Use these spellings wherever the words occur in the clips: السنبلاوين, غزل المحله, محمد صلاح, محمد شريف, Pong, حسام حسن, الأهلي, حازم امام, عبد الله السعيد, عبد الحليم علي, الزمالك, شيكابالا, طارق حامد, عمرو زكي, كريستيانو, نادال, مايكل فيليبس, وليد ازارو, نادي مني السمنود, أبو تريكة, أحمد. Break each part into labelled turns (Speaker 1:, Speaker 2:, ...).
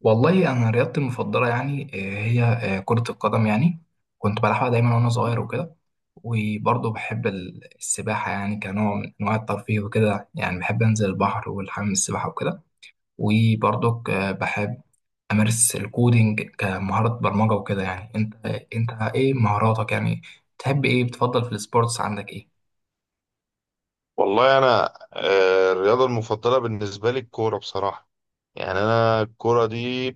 Speaker 1: والله انا رياضتي المفضله يعني هي كره القدم يعني كنت بلعبها دايما وانا صغير وكده. وبرضه بحب السباحه يعني كنوع من انواع الترفيه وكده، يعني بحب انزل البحر والحمام السباحه وكده. وبرضه بحب امارس الكودينج كمهاره برمجه وكده. يعني انت ايه مهاراتك يعني؟ تحب ايه؟ بتفضل في السبورتس؟ عندك ايه؟
Speaker 2: والله انا الرياضه المفضله بالنسبه لي الكوره بصراحه. يعني انا الكوره دي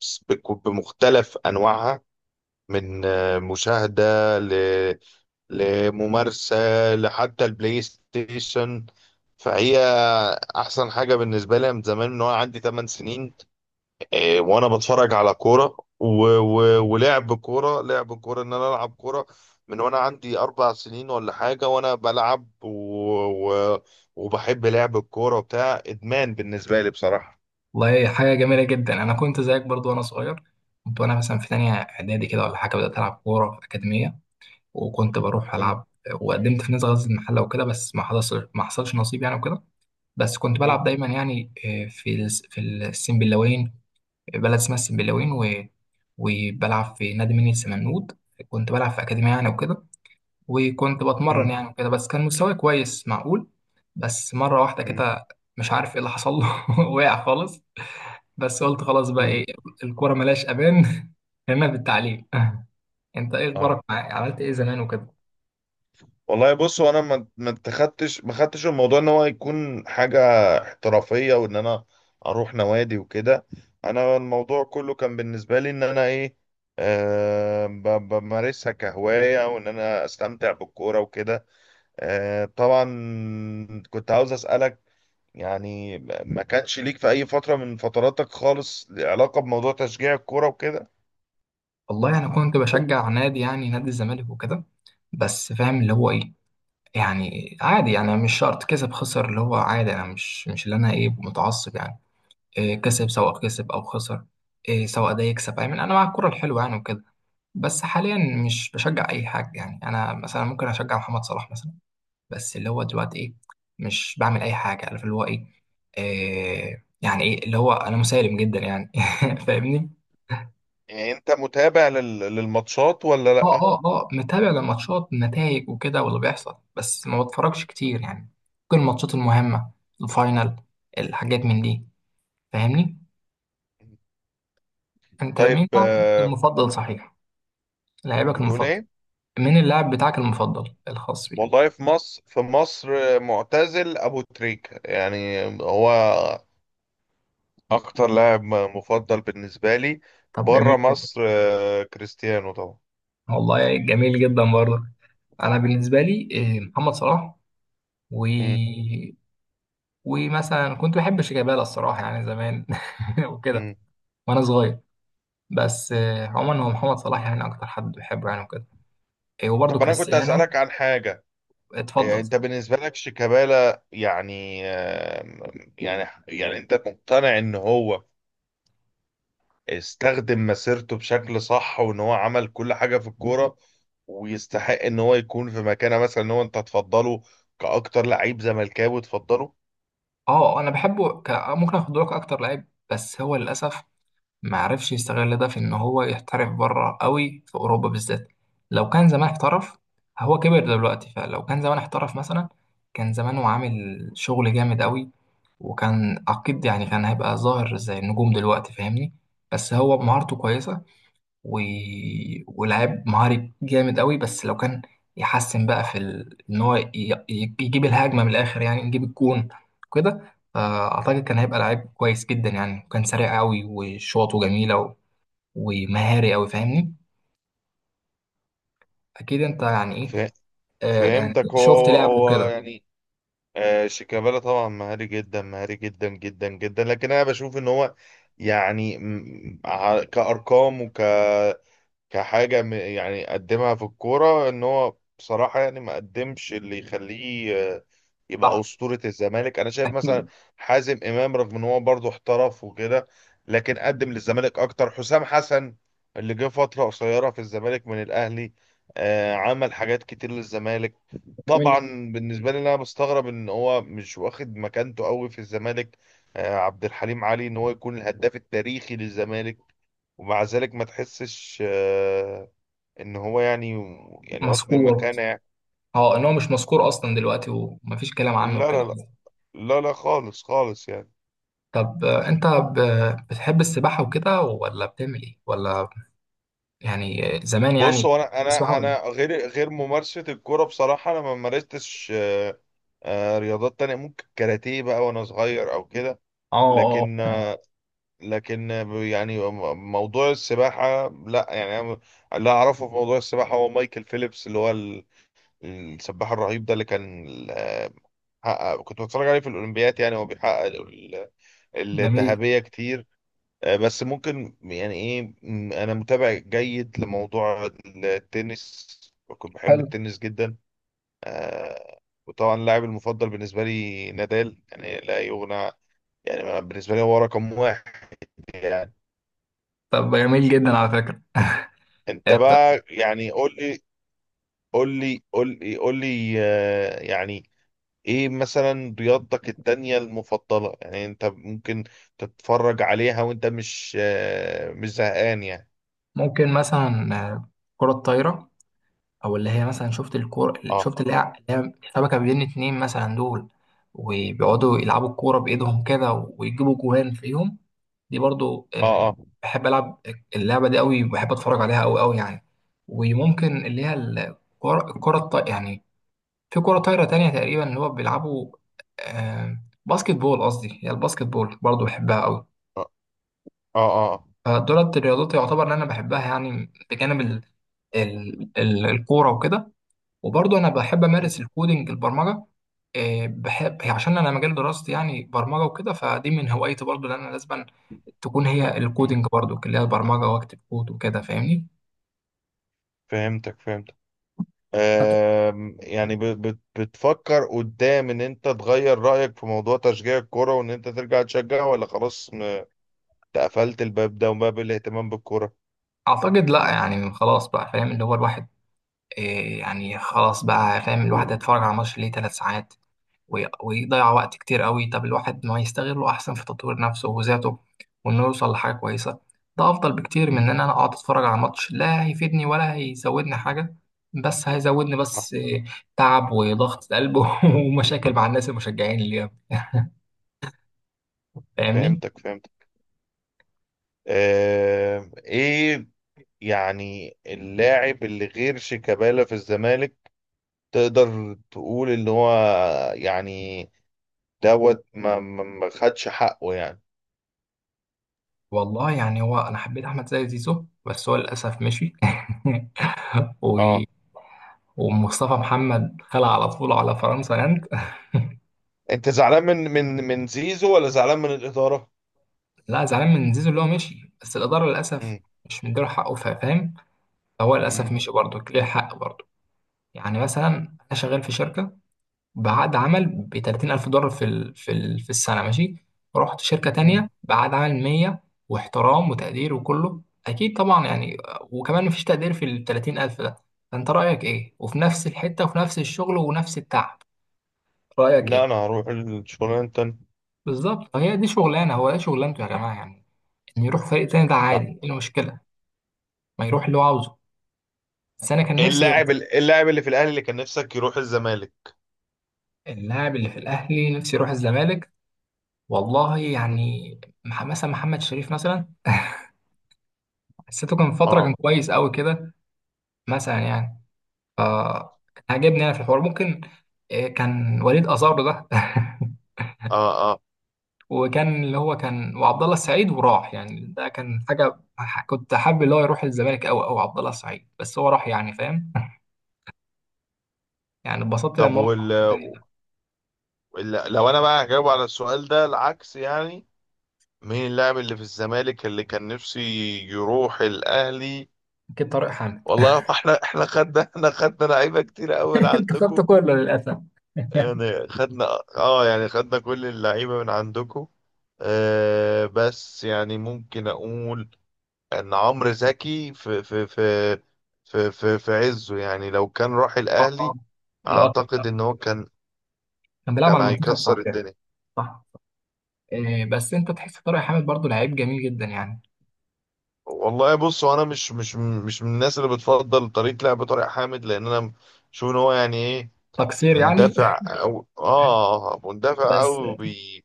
Speaker 2: بمختلف انواعها، من مشاهده ل... لممارسه لحتى البلاي ستيشن. فهي احسن حاجه بالنسبه لي من زمان، من وانا عندي 8 سنين. إيه، وانا بتفرج على كوره ولعب كوره لعب كوره ان انا العب كوره من وانا عندي 4 سنين ولا حاجه، وانا بلعب و... وبحب لعب الكوره، وبتاع ادمان بالنسبه لي بصراحه.
Speaker 1: والله حاجه جميله جدا، انا كنت زيك برضه وانا صغير. كنت وانا مثلا في تانية اعدادي
Speaker 2: م-
Speaker 1: كده ولا حاجه بدات العب كوره في اكاديميه، وكنت بروح
Speaker 2: م-
Speaker 1: العب، وقدمت في نادي غزل المحله وكده، بس ما حصلش نصيب يعني وكده. بس كنت
Speaker 2: م-
Speaker 1: بلعب دايما يعني، في السنبلاوين، بلد اسمها السنبلاوين، وبلعب في نادي مني السمنود. كنت بلعب في اكاديميه يعني وكده، وكنت بتمرن
Speaker 2: م-
Speaker 1: يعني وكده، بس كان مستواي كويس معقول. بس مره واحده
Speaker 2: م-
Speaker 1: كده، مش عارف ايه اللي حصل له وقع خالص. بس قلت خلاص، بقى
Speaker 2: م.
Speaker 1: ايه، الكوره ملهاش امان هنا في التعليم انت ايه
Speaker 2: اه
Speaker 1: اخبارك؟ مع عملت ايه زمان وكده؟
Speaker 2: والله بص، هو انا ما خدتش الموضوع ان هو يكون حاجه احترافيه وان انا اروح نوادي وكده. انا الموضوع كله كان بالنسبه لي ان انا ايه، بمارسها كهوايه وان انا استمتع بالكوره وكده. طبعا، كنت عاوز اسالك، يعني ما كانش ليك في اي فتره من فتراتك خالص علاقه بموضوع تشجيع الكوره وكده؟
Speaker 1: والله انا كنت بشجع نادي، يعني نادي الزمالك وكده، بس فاهم اللي هو ايه. يعني عادي يعني، مش شرط كسب خسر اللي هو عادي، انا مش اللي انا ايه متعصب يعني. إيه، كسب، سواء كسب او خسر، إيه سواء ده يكسب، يعني انا مع الكرة الحلوة يعني وكده. بس حاليا مش بشجع اي حاجة. يعني انا مثلا ممكن اشجع محمد صلاح مثلا، بس اللي هو دلوقتي ايه، مش بعمل اي حاجة، عارف اللي هو ايه، إيه يعني، ايه اللي هو انا مسالم جدا يعني فاهمني.
Speaker 2: يعني انت متابع للماتشات ولا
Speaker 1: اه،
Speaker 2: لا؟
Speaker 1: اه، اه، متابع للماتشات، النتائج وكده واللي بيحصل، بس ما بتفرجش كتير يعني. ممكن الماتشات المهمة، الفاينل، الحاجات من دي. فاهمني؟ انت
Speaker 2: طيب
Speaker 1: مين لاعبك المفضل صحيح؟ لاعبك
Speaker 2: بتقول
Speaker 1: المفضل،
Speaker 2: ايه؟
Speaker 1: مين اللاعب بتاعك المفضل الخاص بيك؟
Speaker 2: والله في مصر معتزل أبو تريكة، يعني هو أكتر لاعب مفضل بالنسبة لي.
Speaker 1: طب جميل
Speaker 2: بره
Speaker 1: جدا.
Speaker 2: مصر كريستيانو طبعا.
Speaker 1: والله جميل جدا برضه. انا بالنسبة لي إيه، محمد صلاح، و
Speaker 2: مم.
Speaker 1: ومثلا كنت بحب شيكابالا الصراحة يعني زمان وكده،
Speaker 2: مم.
Speaker 1: وانا صغير. بس عموما هو محمد صلاح يعني اكتر حد بحبه يعني وكده. إيه، وبرضه
Speaker 2: طب أنا كنت
Speaker 1: كريستيانو.
Speaker 2: أسألك عن حاجة.
Speaker 1: اتفضل.
Speaker 2: أنت بالنسبة لك شيكابالا، يعني يعني أنت مقتنع إن هو استخدم مسيرته بشكل صح وإن هو عمل كل حاجة في الكورة ويستحق إن هو يكون في مكانة، مثلا إن هو أنت تفضله كأكتر لعيب زملكاوي تفضله؟
Speaker 1: اه انا بحبه ممكن اخد لك اكتر لعيب، بس هو للاسف ما عرفش يستغل ده في ان هو يحترف بره قوي، في اوروبا بالذات. لو كان زمان احترف، هو كبر دلوقتي، فلو كان زمان احترف مثلا كان زمانه عامل شغل جامد قوي، وكان اكيد يعني كان هيبقى ظاهر زي النجوم دلوقتي، فاهمني. بس هو مهارته كويسة، و... ولاعيب مهاري جامد قوي، بس لو كان يحسن بقى ان هو يجيب الهجمه من الاخر يعني، يجيب الجون كده، فاعتقد كان هيبقى لعيب كويس جدا يعني، وكان سريع قوي وشوطه جميله، و... ومهاري قوي فاهمني. اكيد انت يعني ايه،
Speaker 2: فا-
Speaker 1: آه يعني
Speaker 2: فهمتك.
Speaker 1: شفت
Speaker 2: هو
Speaker 1: لعبه
Speaker 2: هو هو
Speaker 1: كده.
Speaker 2: يعني شيكابالا طبعا مهاري جدا، مهاري جدا جدا جدا. لكن انا بشوف ان هو يعني كارقام كحاجة يعني قدمها في الكورة، ان هو بصراحة يعني ما قدمش اللي يخليه
Speaker 1: صح،
Speaker 2: يبقى أسطورة الزمالك. انا شايف مثلا
Speaker 1: اكيد.
Speaker 2: حازم امام رغم ان هو برضه احترف وكده، لكن قدم للزمالك اكتر. حسام حسن اللي جه فترة قصيرة في الزمالك من الاهلي، عمل حاجات كتير للزمالك
Speaker 1: جميل جدا.
Speaker 2: طبعا. بالنسبة لي انا بستغرب ان هو مش واخد مكانته قوي في الزمالك. عبد الحليم علي، ان هو يكون الهداف التاريخي للزمالك ومع ذلك ما تحسش ان هو يعني واخد
Speaker 1: مذكور.
Speaker 2: المكانة يعني.
Speaker 1: اه، ان هو مش مذكور اصلا دلوقتي، ومفيش كلام عنه
Speaker 2: لا
Speaker 1: وكده.
Speaker 2: لا لا لا لا، خالص خالص يعني.
Speaker 1: طب انت بتحب السباحه وكده، ولا بتعمل ايه ولا؟ يعني زمان
Speaker 2: بص
Speaker 1: يعني.
Speaker 2: هو انا
Speaker 1: تسمعه.
Speaker 2: انا انا غير ممارسة الكورة، بصراحة انا ما مارستش رياضات تانية، ممكن كاراتيه بقى وانا صغير او كده.
Speaker 1: اه، اه،
Speaker 2: لكن آه، لكن يعني موضوع السباحة لا، يعني أنا اللي اعرفه في موضوع السباحة هو مايكل فيليبس، اللي هو السباح الرهيب ده اللي كان حقق. كنت بتفرج عليه في الاولمبياد، يعني هو بيحقق
Speaker 1: جميل.
Speaker 2: الذهبية كتير. بس ممكن يعني ايه، انا متابع جيد لموضوع التنس. كنت بحب
Speaker 1: حلو.
Speaker 2: التنس جدا. آه، وطبعا اللاعب المفضل بالنسبة لي نادال، يعني لا يغنى، يعني بالنسبة لي هو رقم واحد يعني.
Speaker 1: طب جميل جدا على فكرة.
Speaker 2: انت
Speaker 1: انت
Speaker 2: بقى يعني قول لي قول لي قول لي قول لي يعني ايه مثلا رياضتك التانية المفضلة، يعني انت ممكن تتفرج عليها وانت مش زهقان يعني؟
Speaker 1: ممكن مثلا الكرة الطايرة، او اللي هي مثلا شفت الكورة،
Speaker 2: اه،
Speaker 1: شفت اللي هي، اللي هي شبكة بين اتنين مثلا دول، وبيقعدوا يلعبوا الكورة بإيدهم كده ويجيبوا جوان فيهم. دي برضو
Speaker 2: اه، اه،
Speaker 1: بحب ألعب اللعبة دي قوي، وبحب أتفرج عليها قوي قوي يعني. وممكن اللي هي الكرة، الكرة يعني، في كرة طايرة تانية تقريبا، اللي هو بيلعبوا آه، باسكت بول، قصدي هي الباسكت بول برضه بحبها قوي.
Speaker 2: اه، اه.
Speaker 1: فدولت الرياضات يعتبر ان انا بحبها يعني، بجانب الكورة وكده. وبرضه انا بحب
Speaker 2: م-
Speaker 1: امارس الكودينج، البرمجة. بحب هي عشان انا مجال دراستي يعني برمجة وكده، فدي من هوايتي برضه اللي انا لازم تكون، هي
Speaker 2: م.
Speaker 1: الكودينج برضه اللي هي البرمجة، واكتب كود وكده فاهمني.
Speaker 2: فهمتك فهمتك. يعني بتفكر قدام ان انت تغير رأيك في موضوع تشجيع الكرة وان انت ترجع تشجع، ولا خلاص تقفلت الباب ده وباب الاهتمام بالكرة؟
Speaker 1: اعتقد لا يعني، خلاص بقى فاهم اللي هو الواحد آه، يعني، خلاص بقى فاهم الواحد هيتفرج على ماتش ليه 3 ساعات، ويضيع وقت كتير قوي. طب الواحد ما يستغله احسن في تطوير نفسه وذاته، وانه يوصل لحاجه كويسه. ده افضل بكتير من
Speaker 2: م،
Speaker 1: ان انا اقعد اتفرج على ماتش لا هيفيدني ولا هيزودني حاجه، بس هيزودني
Speaker 2: صح.
Speaker 1: بس إيه، تعب وضغط قلب ومشاكل مع الناس المشجعين اللي جنبي. فاهمني.
Speaker 2: فهمتك فهمتك. ايه يعني، اللاعب اللي غير شيكابالا في الزمالك تقدر تقول ان هو يعني دوت ما خدش حقه يعني؟
Speaker 1: والله يعني هو انا حبيت احمد زي زيزو، بس هو للاسف مشي و...
Speaker 2: اه
Speaker 1: ومصطفى محمد خلع على طول على فرنسا انت
Speaker 2: انت زعلان من زيزو ولا زعلان من الاداره؟
Speaker 1: لا زعلان من زيزو اللي هو مشي، بس الإدارة للأسف
Speaker 2: مم.
Speaker 1: مش مديله حقه، فاهم. فهو للأسف
Speaker 2: مم.
Speaker 1: مشي برضه، ليه حق برضه. يعني مثلا، أنا شغال في شركة بعقد عمل ب 30,000 دولار في السنة، ماشي. رحت شركة
Speaker 2: مم.
Speaker 1: تانية بعقد عمل 100، واحترام وتقدير وكله، أكيد طبعا يعني. وكمان مفيش تقدير في ال 30,000 ده، فأنت رأيك إيه؟ وفي نفس الحتة وفي نفس الشغل ونفس التعب، رأيك
Speaker 2: لا،
Speaker 1: إيه؟
Speaker 2: انا هروح الشغلانه التانية.
Speaker 1: بالظبط، هي دي شغلانة، هو ده شغلانته يا جماعة يعني. إن يروح فريق تاني ده
Speaker 2: صح.
Speaker 1: عادي، إيه المشكلة؟ ما يروح اللي هو عاوزه. بس انا كان نفسي
Speaker 2: اللاعب
Speaker 1: يفضل.
Speaker 2: اللاعب اللي في الاهلي اللي كان نفسك يروح الزمالك.
Speaker 1: اللاعب اللي في الاهلي نفسي يروح الزمالك. والله
Speaker 2: مم.
Speaker 1: يعني مثلا محمد شريف مثلا، حسيته كان فتره كان
Speaker 2: اه،
Speaker 1: كويس قوي كده، مثلا يعني، ف كان عاجبني انا في الحوار. ممكن كان وليد ازارو ده
Speaker 2: اه، اه.
Speaker 1: وكان اللي هو كان، وعبد الله السعيد وراح يعني، ده كان حاجه كنت حابب اللي هو يروح الزمالك قوي قوي، عبد الله السعيد، بس هو راح يعني فاهم يعني اتبسطت
Speaker 2: طب
Speaker 1: لما هو راح الفريق ده.
Speaker 2: لو انا بقى هجاوب على السؤال ده العكس، يعني مين اللاعب اللي في الزمالك اللي كان نفسي يروح الاهلي؟
Speaker 1: اكيد طارق حامد.
Speaker 2: والله هو احنا خدنا لعيبه كتير قوي
Speaker 1: انت خدت
Speaker 2: عندكم،
Speaker 1: كله للاسف
Speaker 2: يعني خدنا. اه يعني خدنا كل اللعيبة من عندكم. بس يعني ممكن اقول ان عمرو زكي في عزه، يعني لو كان راح
Speaker 1: اه،
Speaker 2: الاهلي
Speaker 1: اللي هو كده
Speaker 2: اعتقد ان هو كان
Speaker 1: كان بيلعب على
Speaker 2: كان
Speaker 1: المنتخب
Speaker 2: هيكسر
Speaker 1: صحيح.
Speaker 2: الدنيا.
Speaker 1: صح. إيه بس انت تحس طارق حامد برضو لعيب جميل جدا يعني.
Speaker 2: والله بص هو انا مش من الناس اللي بتفضل طريقة لعب طارق حامد، لان انا شوف ان هو يعني ايه،
Speaker 1: تقصير يعني
Speaker 2: مندفع
Speaker 1: بس،
Speaker 2: او بي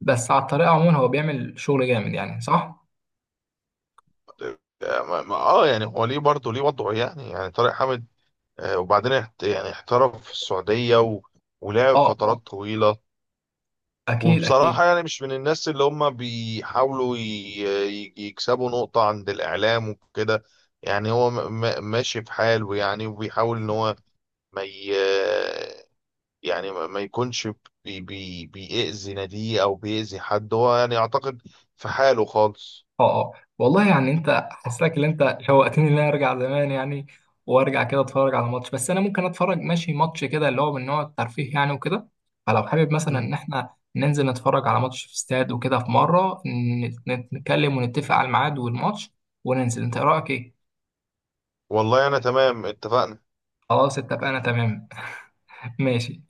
Speaker 1: بس على الطريقه عموما هو بيعمل شغل جامد يعني. صح.
Speaker 2: اه يعني هو ليه برضه ليه وضعه. يعني طارق حامد وبعدين يعني احترف في السعودية ولعب
Speaker 1: اه،
Speaker 2: فترات
Speaker 1: اه،
Speaker 2: طويلة.
Speaker 1: اكيد اكيد.
Speaker 2: وبصراحة يعني مش من الناس اللي هم بيحاولوا يكسبوا نقطة عند الإعلام وكده. يعني هو ماشي في حاله، يعني وبيحاول إن هو ما ي... يعني ما يكونش بيأذي ناديه أو بيأذي حد. هو يعني أعتقد في حاله خالص.
Speaker 1: اه، اه. والله يعني انت حاسسك ان انت شوقتني ان انا ارجع زمان يعني، وارجع كده اتفرج على ماتش. بس انا ممكن اتفرج ماشي ماتش كده اللي هو من نوع الترفيه يعني وكده. فلو حابب مثلا ان
Speaker 2: مم.
Speaker 1: احنا ننزل نتفرج على ماتش في استاد وكده، في مره نتكلم ونتفق على الميعاد والماتش وننزل، انت إيه رايك ايه؟
Speaker 2: والله أنا تمام، اتفقنا.
Speaker 1: خلاص، اتفقنا، تمام ماشي.